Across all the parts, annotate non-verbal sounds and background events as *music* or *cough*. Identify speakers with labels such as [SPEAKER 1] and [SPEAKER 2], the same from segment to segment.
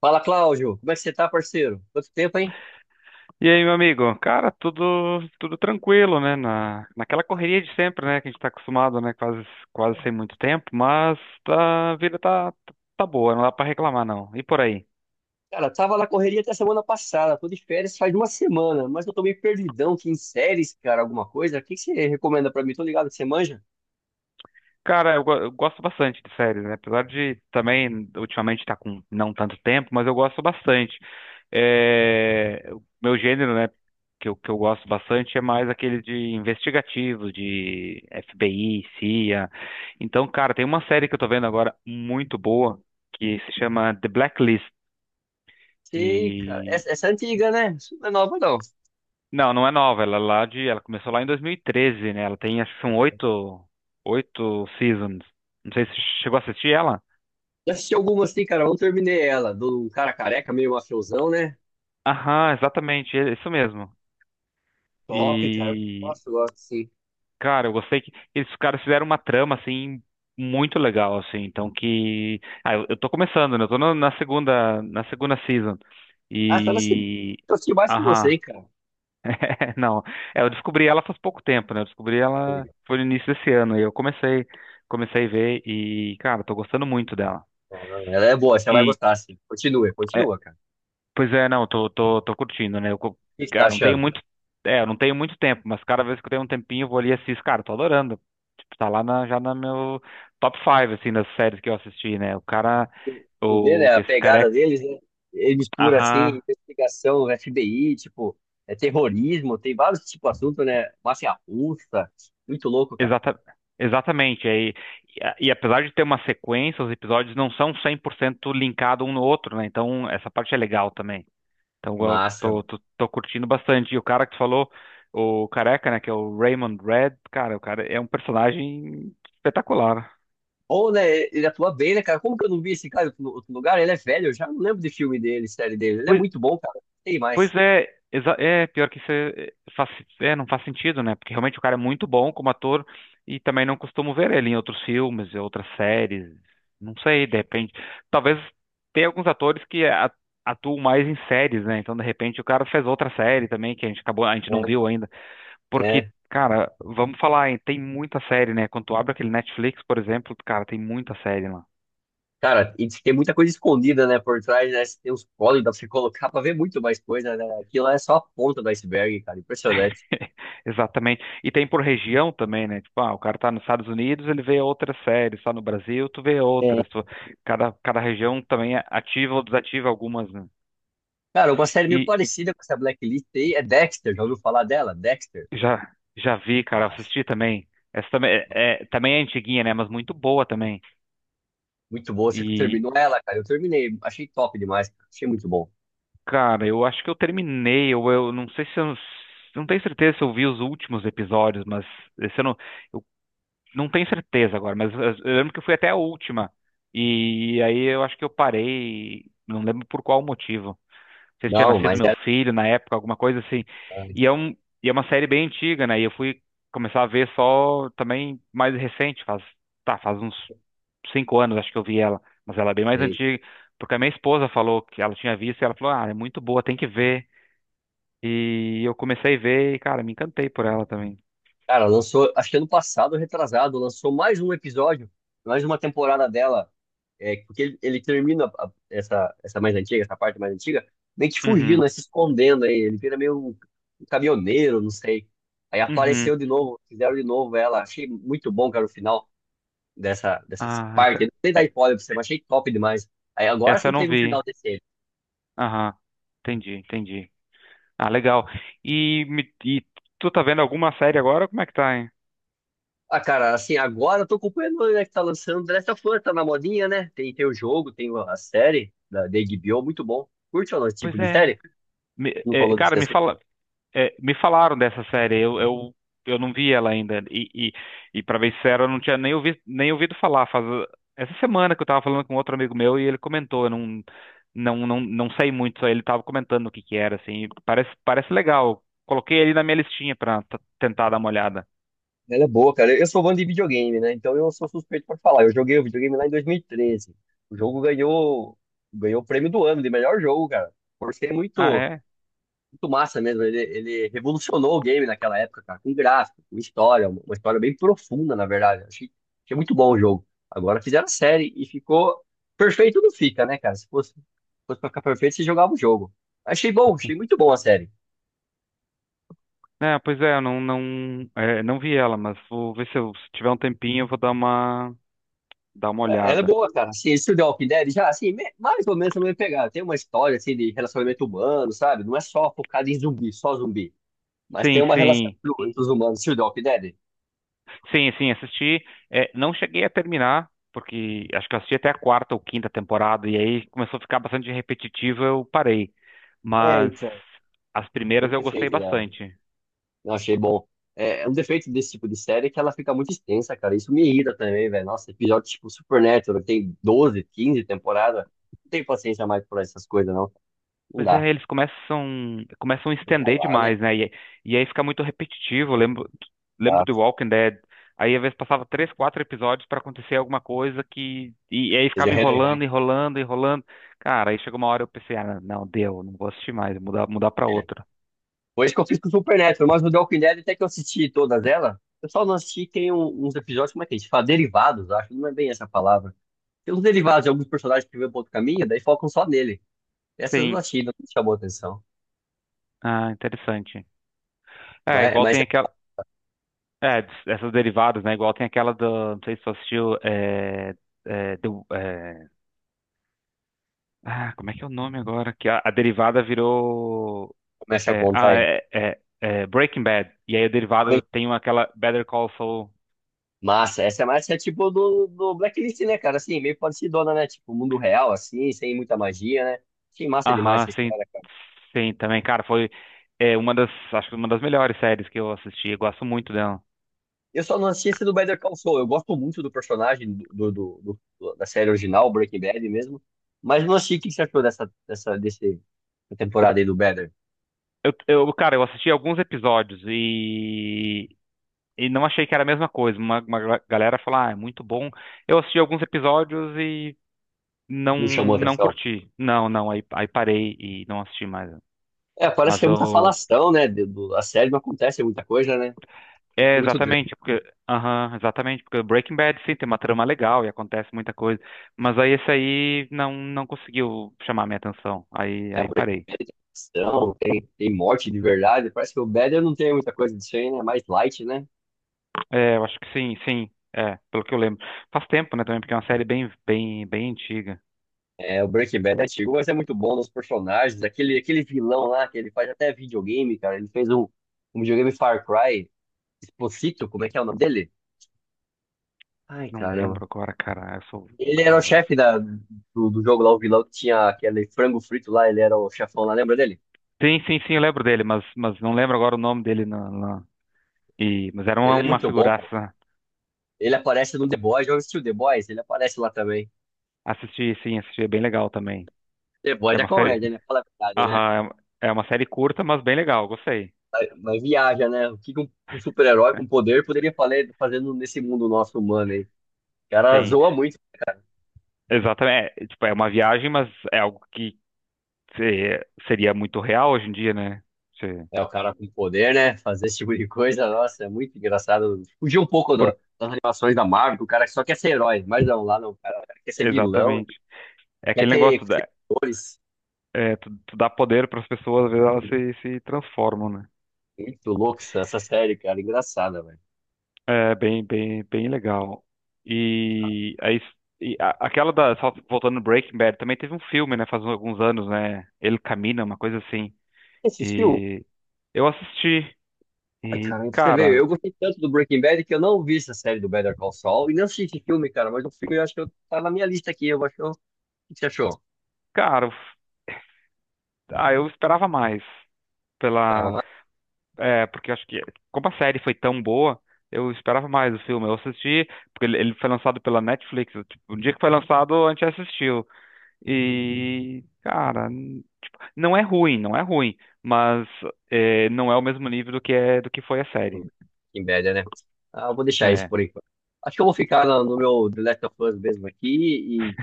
[SPEAKER 1] Fala, Cláudio. Como é que você tá, parceiro? Quanto tempo, hein?
[SPEAKER 2] E aí, meu amigo? Cara, tudo tranquilo, né? Naquela correria de sempre, né? Que a gente tá acostumado, né? Quase sem muito tempo, mas a vida tá boa, não dá pra reclamar, não. E por aí?
[SPEAKER 1] Cara, tava na correria até semana passada. Tô de férias faz uma semana, mas eu tô meio perdidão aqui em séries, cara, alguma coisa. O que que você recomenda pra mim? Tô ligado que você manja?
[SPEAKER 2] Cara, eu gosto bastante de séries, né? Apesar de também ultimamente estar com não tanto tempo, mas eu gosto bastante. É, o meu gênero, né, que eu gosto bastante é mais aquele de investigativo, de FBI, CIA. Então, cara, tem uma série que eu tô vendo agora muito boa que se chama The Blacklist.
[SPEAKER 1] Sei, cara.
[SPEAKER 2] E
[SPEAKER 1] Essa é antiga, né? Isso não é nova, não.
[SPEAKER 2] não, não é nova, ela começou lá em 2013, né? Ela tem acho que são oito seasons. Não sei se você chegou a assistir ela.
[SPEAKER 1] Já assisti algumas, assim, cara. Não terminei ela. Do cara careca, meio mafiosão, né?
[SPEAKER 2] Aham, exatamente, é isso mesmo.
[SPEAKER 1] Top, cara.
[SPEAKER 2] E,
[SPEAKER 1] Nossa, eu gosto, sim.
[SPEAKER 2] cara, eu gostei que esses caras fizeram uma trama, assim, muito legal, assim, então que... Ah, eu tô começando, né? Eu tô na segunda season.
[SPEAKER 1] Ah, tá na segunda.
[SPEAKER 2] E...
[SPEAKER 1] Eu assisti mais que você,
[SPEAKER 2] Aham.
[SPEAKER 1] hein, cara.
[SPEAKER 2] *laughs* Não, é, eu descobri ela faz pouco tempo, né? Eu descobri
[SPEAKER 1] Tá
[SPEAKER 2] ela
[SPEAKER 1] ligado?
[SPEAKER 2] foi no início desse ano, e eu comecei a ver e, cara, tô gostando muito dela.
[SPEAKER 1] Ah, ela é boa, você vai
[SPEAKER 2] E...
[SPEAKER 1] gostar, sim. Continua,
[SPEAKER 2] é,
[SPEAKER 1] continua, cara.
[SPEAKER 2] Pois é, não, tô curtindo, né? Eu, co-
[SPEAKER 1] O que você tá
[SPEAKER 2] cara, não tenho
[SPEAKER 1] achando?
[SPEAKER 2] muito, eu não tenho muito tempo, mas cada vez que eu tenho um tempinho, eu vou ali e assisto. Cara, tô adorando. Tipo, já no meu top 5, assim, das séries que eu assisti, né? O cara,
[SPEAKER 1] Você vê, né,
[SPEAKER 2] o,
[SPEAKER 1] a
[SPEAKER 2] esse cara é,
[SPEAKER 1] pegada deles, né? Ele mistura, assim,
[SPEAKER 2] aham,
[SPEAKER 1] investigação, FBI, tipo, é terrorismo, tem vários tipos de assunto, né? Máfia russa, muito louco, cara.
[SPEAKER 2] exata, exatamente. E apesar de ter uma sequência, os episódios não são 100% linkados um no outro, né? Então, essa parte é legal também. Então, eu
[SPEAKER 1] Massa,
[SPEAKER 2] tô,
[SPEAKER 1] mano.
[SPEAKER 2] tô, tô curtindo bastante. E o cara que tu falou, o careca, né, que é o Raymond Red, cara, o cara é um personagem espetacular.
[SPEAKER 1] Ou, né, ele atua bem, né, cara? Como que eu não vi esse cara em outro lugar? Ele é velho, eu já não lembro de filme dele, série dele. Ele é
[SPEAKER 2] Pois,
[SPEAKER 1] muito bom, cara. Tem mais.
[SPEAKER 2] é, pior que isso é, não faz sentido, né? Porque realmente o cara é muito bom como ator e também não costumo ver ele em outros filmes, e outras séries. Não sei, de repente. Talvez tenha alguns atores que atuam mais em séries, né? Então, de repente, o cara fez outra série também que a gente não viu ainda.
[SPEAKER 1] É,
[SPEAKER 2] Porque,
[SPEAKER 1] é.
[SPEAKER 2] cara, vamos falar, hein, tem muita série, né? Quando tu abre aquele Netflix, por exemplo, cara, tem muita série lá.
[SPEAKER 1] Cara, e diz que tem muita coisa escondida, né, por trás, né? Tem uns códigos pra você colocar pra ver muito mais coisa, né? Aquilo lá é só a ponta do iceberg, cara. Impressionante.
[SPEAKER 2] *laughs* Exatamente. E tem por região também, né? Tipo, ah, o cara tá nos Estados Unidos, ele vê outras séries, tá no Brasil, tu vê outras. Cada região também é ativa ou desativa algumas, né?
[SPEAKER 1] Cara, uma série meio
[SPEAKER 2] E
[SPEAKER 1] parecida com essa Blacklist aí é Dexter. Já ouviu falar dela? Dexter?
[SPEAKER 2] já, já vi, cara,
[SPEAKER 1] Mas,
[SPEAKER 2] assisti também. Essa também também é antiguinha, né? Mas muito boa também.
[SPEAKER 1] muito boa. Você
[SPEAKER 2] E,
[SPEAKER 1] terminou ela, cara? Eu terminei. Achei top demais, cara. Achei muito bom.
[SPEAKER 2] Cara, eu acho que eu terminei, ou eu não sei se eu não tenho certeza se eu vi os últimos episódios, mas esse eu não tenho certeza agora, mas eu lembro que eu fui até a última. E aí eu acho que eu parei, não lembro por qual motivo sei se tinha
[SPEAKER 1] Não,
[SPEAKER 2] nascido
[SPEAKER 1] mas
[SPEAKER 2] meu
[SPEAKER 1] era.
[SPEAKER 2] filho na época, alguma coisa assim. E é um, e é uma série bem antiga, né? E eu fui começar a ver só também mais recente, faz uns cinco anos acho que eu vi ela, mas ela é bem mais
[SPEAKER 1] E,
[SPEAKER 2] antiga, porque a minha esposa falou que ela tinha visto e ela falou, ah, é muito boa, tem que ver. E eu comecei a ver e, cara, me encantei por ela também.
[SPEAKER 1] cara, lançou. Acho que ano passado, retrasado, lançou mais um episódio, mais uma temporada dela. É, porque ele termina essa, essa mais antiga, essa parte mais antiga, meio que fugindo,
[SPEAKER 2] Uhum,
[SPEAKER 1] né, se escondendo aí. Ele vira meio um, um caminhoneiro, não sei. Aí
[SPEAKER 2] uhum.
[SPEAKER 1] apareceu de novo, fizeram de novo ela. Achei muito bom, cara, o final dessa, dessas
[SPEAKER 2] Ah, essa,
[SPEAKER 1] partes. Não sei dar
[SPEAKER 2] é-
[SPEAKER 1] spoiler pra você, mas achei top demais. Aí agora
[SPEAKER 2] essa eu
[SPEAKER 1] sim
[SPEAKER 2] não
[SPEAKER 1] teve um final
[SPEAKER 2] vi.
[SPEAKER 1] decente.
[SPEAKER 2] Aham, entendi, entendi. Ah, legal. E tu tá vendo alguma série agora? Como é que tá,
[SPEAKER 1] Ah, cara, assim, agora eu tô acompanhando, né, que tá lançando The Last of Us, tá na modinha, né? Tem, tem o jogo, tem a série da HBO, muito bom. Curte ou não esse tipo
[SPEAKER 2] Pois
[SPEAKER 1] de
[SPEAKER 2] é.
[SPEAKER 1] série?
[SPEAKER 2] Me-
[SPEAKER 1] Não
[SPEAKER 2] é,
[SPEAKER 1] falou
[SPEAKER 2] cara,
[SPEAKER 1] desse
[SPEAKER 2] me
[SPEAKER 1] assunto.
[SPEAKER 2] fala, é, me falaram dessa série. Eu não vi ela ainda. E para bem sincero, eu não tinha nem ouvido falar. Faz essa semana que eu tava falando com outro amigo meu e ele comentou. Eu não, não, não, não sei muito. Só ele tava comentando o que que era, assim. Parece legal. Coloquei ele na minha listinha pra tentar dar uma olhada.
[SPEAKER 1] Ela é boa, cara. Eu sou fã de videogame, né? Então eu sou suspeito pra falar. Eu joguei o videogame lá em 2013. O jogo ganhou, ganhou o prêmio do ano de melhor jogo, cara. Por ser
[SPEAKER 2] Ah,
[SPEAKER 1] muito
[SPEAKER 2] é?
[SPEAKER 1] massa mesmo. Ele revolucionou o game naquela época, cara, com gráfico, com história, uma história bem profunda, na verdade. Achei, achei muito bom o jogo. Agora fizeram a série e ficou perfeito, não fica, né, cara? Se fosse, fosse pra ficar perfeito, você jogava o jogo. Achei bom, achei muito bom a série.
[SPEAKER 2] É, pois é, não vi ela, mas vou ver se eu, se tiver um tempinho, eu vou dar uma
[SPEAKER 1] É, ela é
[SPEAKER 2] olhada.
[SPEAKER 1] boa, cara. Assim, esse The Walking Dead já, assim, mais ou menos também pegar. Tem uma história, assim, de relacionamento humano, sabe? Não é só focado em zumbi, só zumbi. Mas tem
[SPEAKER 2] Sim,
[SPEAKER 1] uma relação
[SPEAKER 2] sim.
[SPEAKER 1] entre os humanos. Se o The Walking Dead,
[SPEAKER 2] Sim, sim, assisti. É, não cheguei a terminar, porque acho que eu assisti até a quarta ou quinta temporada, e aí começou a ficar bastante repetitivo, eu parei.
[SPEAKER 1] é,
[SPEAKER 2] Mas
[SPEAKER 1] então,
[SPEAKER 2] as
[SPEAKER 1] o
[SPEAKER 2] primeiras eu gostei
[SPEAKER 1] defeito dela.
[SPEAKER 2] bastante.
[SPEAKER 1] Eu achei bom. É, é um defeito desse tipo de série é que ela fica muito extensa, cara. Isso me irrita também, velho. Nossa, episódio tipo Supernatural, que tem 12 15 temporadas. Não tenho paciência mais por essas coisas, não. Não
[SPEAKER 2] Pois é,
[SPEAKER 1] dá.
[SPEAKER 2] eles começam a
[SPEAKER 1] Tem que
[SPEAKER 2] estender
[SPEAKER 1] rolar,
[SPEAKER 2] demais,
[SPEAKER 1] né?
[SPEAKER 2] né? E aí fica muito repetitivo. Lembro
[SPEAKER 1] Tá.
[SPEAKER 2] do Walking Dead. Aí às vezes passava três, quatro episódios para acontecer alguma coisa que. E aí
[SPEAKER 1] Seja
[SPEAKER 2] ficava
[SPEAKER 1] relevante,
[SPEAKER 2] enrolando. Cara, aí chegou uma hora eu pensei, ah, não, deu, não vou assistir mais, vou mudar para
[SPEAKER 1] né?
[SPEAKER 2] outra.
[SPEAKER 1] Foi isso que eu fiz com o Supernatural, mas o The Walking Dead até que eu assisti todas elas. Eu só não assisti, tem uns episódios, como é que a gente fala? Derivados, acho. Não é bem essa palavra. Tem uns derivados de alguns personagens que vêm para outro caminho, daí focam só nele. Essas eu não
[SPEAKER 2] Sim.
[SPEAKER 1] assisti, não me chamou atenção.
[SPEAKER 2] Ah, interessante. É,
[SPEAKER 1] Mas,
[SPEAKER 2] igual
[SPEAKER 1] mas
[SPEAKER 2] tem
[SPEAKER 1] você
[SPEAKER 2] aquela. É, essas derivadas, né? Igual tem aquela do. Não sei se você assistiu. É, do, é, como é que é o nome agora? Que a derivada virou.
[SPEAKER 1] começa a
[SPEAKER 2] É,
[SPEAKER 1] contar
[SPEAKER 2] ah,
[SPEAKER 1] aí.
[SPEAKER 2] é, é, é Breaking Bad. E aí a derivada tem aquela Better Call Saul.
[SPEAKER 1] Massa, essa é mais é tipo do, do Blacklist, né, cara? Assim, meio parecidona, né? Tipo, mundo real, assim, sem muita magia, né? Achei massa demais
[SPEAKER 2] Aham,
[SPEAKER 1] essa
[SPEAKER 2] sim.
[SPEAKER 1] história, cara.
[SPEAKER 2] Sim, também, cara, foi uma das. Acho que uma das melhores séries que eu assisti. Eu gosto muito dela.
[SPEAKER 1] Eu só não assisti esse do Better Call Saul. Eu gosto muito do personagem do, do, da série original, Breaking Bad mesmo. Mas não assisti. O que você achou dessa, dessa, desse, da temporada aí do Better?
[SPEAKER 2] Cara, eu assisti alguns episódios e. E não achei que era a mesma coisa. Uma galera falou, ah, é muito bom. Eu assisti alguns episódios e não
[SPEAKER 1] Não chamou
[SPEAKER 2] não
[SPEAKER 1] atenção.
[SPEAKER 2] curti. Não, não, aí parei e não assisti mais.
[SPEAKER 1] É, parece que
[SPEAKER 2] Mas
[SPEAKER 1] é muita
[SPEAKER 2] o
[SPEAKER 1] falação, né? A série não acontece muita coisa, né? Muito,
[SPEAKER 2] é
[SPEAKER 1] muito drama,
[SPEAKER 2] exatamente porque aham, exatamente porque Breaking Bad sim tem uma trama legal e acontece muita coisa, mas aí esse aí não conseguiu chamar minha atenção. Aí
[SPEAKER 1] é
[SPEAKER 2] aí parei.
[SPEAKER 1] apresentação, tem, tem morte de verdade. Parece que o Better não tem muita coisa disso aí, né? É mais light, né?
[SPEAKER 2] É, eu acho que sim, sim. É, pelo que eu lembro. Faz tempo, né, também, porque é uma série bem antiga.
[SPEAKER 1] É, o Breaking Bad é antigo, mas é muito bom nos personagens. Aquele, aquele vilão lá, que ele faz até videogame, cara. Ele fez um, um videogame Far Cry. Esposito, como é que é o nome dele? Ai,
[SPEAKER 2] Não
[SPEAKER 1] caramba.
[SPEAKER 2] lembro agora, cara.
[SPEAKER 1] Ele era o
[SPEAKER 2] Cara,
[SPEAKER 1] chefe da, do, do jogo lá, o vilão que tinha aquele frango frito lá. Ele era o chefão lá, lembra dele?
[SPEAKER 2] Sim, sim, sim, eu lembro dele, mas não lembro agora o nome dele. E, mas era
[SPEAKER 1] Ele é
[SPEAKER 2] uma
[SPEAKER 1] muito bom, cara.
[SPEAKER 2] figuraça.
[SPEAKER 1] Ele aparece no The Boys. Já assistiu The Boys? Ele aparece lá também.
[SPEAKER 2] Assisti, sim, assisti, é bem legal também.
[SPEAKER 1] The Boys
[SPEAKER 2] É
[SPEAKER 1] é
[SPEAKER 2] uma série.
[SPEAKER 1] comédia, né? Fala a verdade, né?
[SPEAKER 2] Aham, é uma série curta, mas bem legal, gostei.
[SPEAKER 1] Mas viaja, né? O que que um super-herói com poder poderia fazer, fazendo nesse mundo nosso humano aí? O cara
[SPEAKER 2] Sim,
[SPEAKER 1] zoa muito.
[SPEAKER 2] exatamente. Tipo, é uma viagem, mas é algo que seria muito real hoje em dia, né? Se-
[SPEAKER 1] É, o cara com poder, né? Fazer esse tipo de coisa, nossa, é muito engraçado. Fugir um pouco
[SPEAKER 2] por,
[SPEAKER 1] das animações da Marvel, que o cara só quer ser herói, mas não, lá não, cara, o cara quer ser vilão,
[SPEAKER 2] exatamente. É
[SPEAKER 1] quer
[SPEAKER 2] aquele
[SPEAKER 1] ter
[SPEAKER 2] negócio da,
[SPEAKER 1] cores.
[SPEAKER 2] é, tu dá poder para as pessoas, às vezes elas se transformam, né?
[SPEAKER 1] Muito louco essa série, cara, engraçada, velho.
[SPEAKER 2] É bem legal. E aí, aquela da, só voltando no Breaking Bad, também teve um filme, né, faz alguns anos, né? Ele Camina, uma coisa assim.
[SPEAKER 1] Você assistiu?
[SPEAKER 2] E eu assisti
[SPEAKER 1] Ai,
[SPEAKER 2] e,
[SPEAKER 1] cara, pra você vê,
[SPEAKER 2] cara,
[SPEAKER 1] eu gostei tanto do Breaking Bad que eu não vi essa série do Better Call Saul e não assisti esse filme, cara, mas o filme eu acho que tá na minha lista aqui, eu acho que eu... O que você achou?
[SPEAKER 2] cara, ah, eu esperava mais
[SPEAKER 1] Tava
[SPEAKER 2] pela,
[SPEAKER 1] mais
[SPEAKER 2] Porque eu acho que como a série foi tão boa, eu esperava mais o filme. Eu assisti porque ele foi lançado pela Netflix. Tipo, o dia que foi lançado, a gente assistiu. E, cara, tipo, não é ruim, mas não é o mesmo nível do que é do que foi a série.
[SPEAKER 1] do Breaking Bad, né? Ah, eu vou deixar isso
[SPEAKER 2] É,
[SPEAKER 1] por enquanto. Acho que eu vou ficar no, no meu The Last of Us mesmo aqui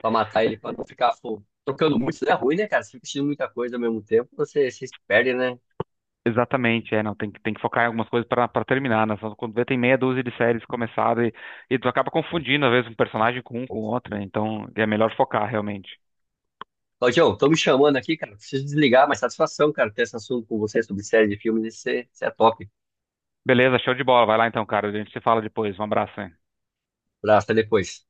[SPEAKER 1] pra matar ele, pra não ficar pô, trocando muito. Isso é ruim, né, cara? Você fica assistindo muita coisa ao mesmo tempo, você, você se perde, né?
[SPEAKER 2] exatamente, é, não, tem que focar em algumas coisas para terminar, né? Só quando vê, tem meia dúzia de séries começadas e tu acaba confundindo, às vezes, um personagem com um com outro, né? Então é melhor focar realmente.
[SPEAKER 1] Claudião, estão me chamando aqui, cara. Preciso desligar, mas satisfação, cara, ter esse assunto com você sobre série de filmes. Isso é top.
[SPEAKER 2] Beleza, show de bola, vai lá então, cara, a gente se fala depois, um abraço, hein?
[SPEAKER 1] Abraço, até depois.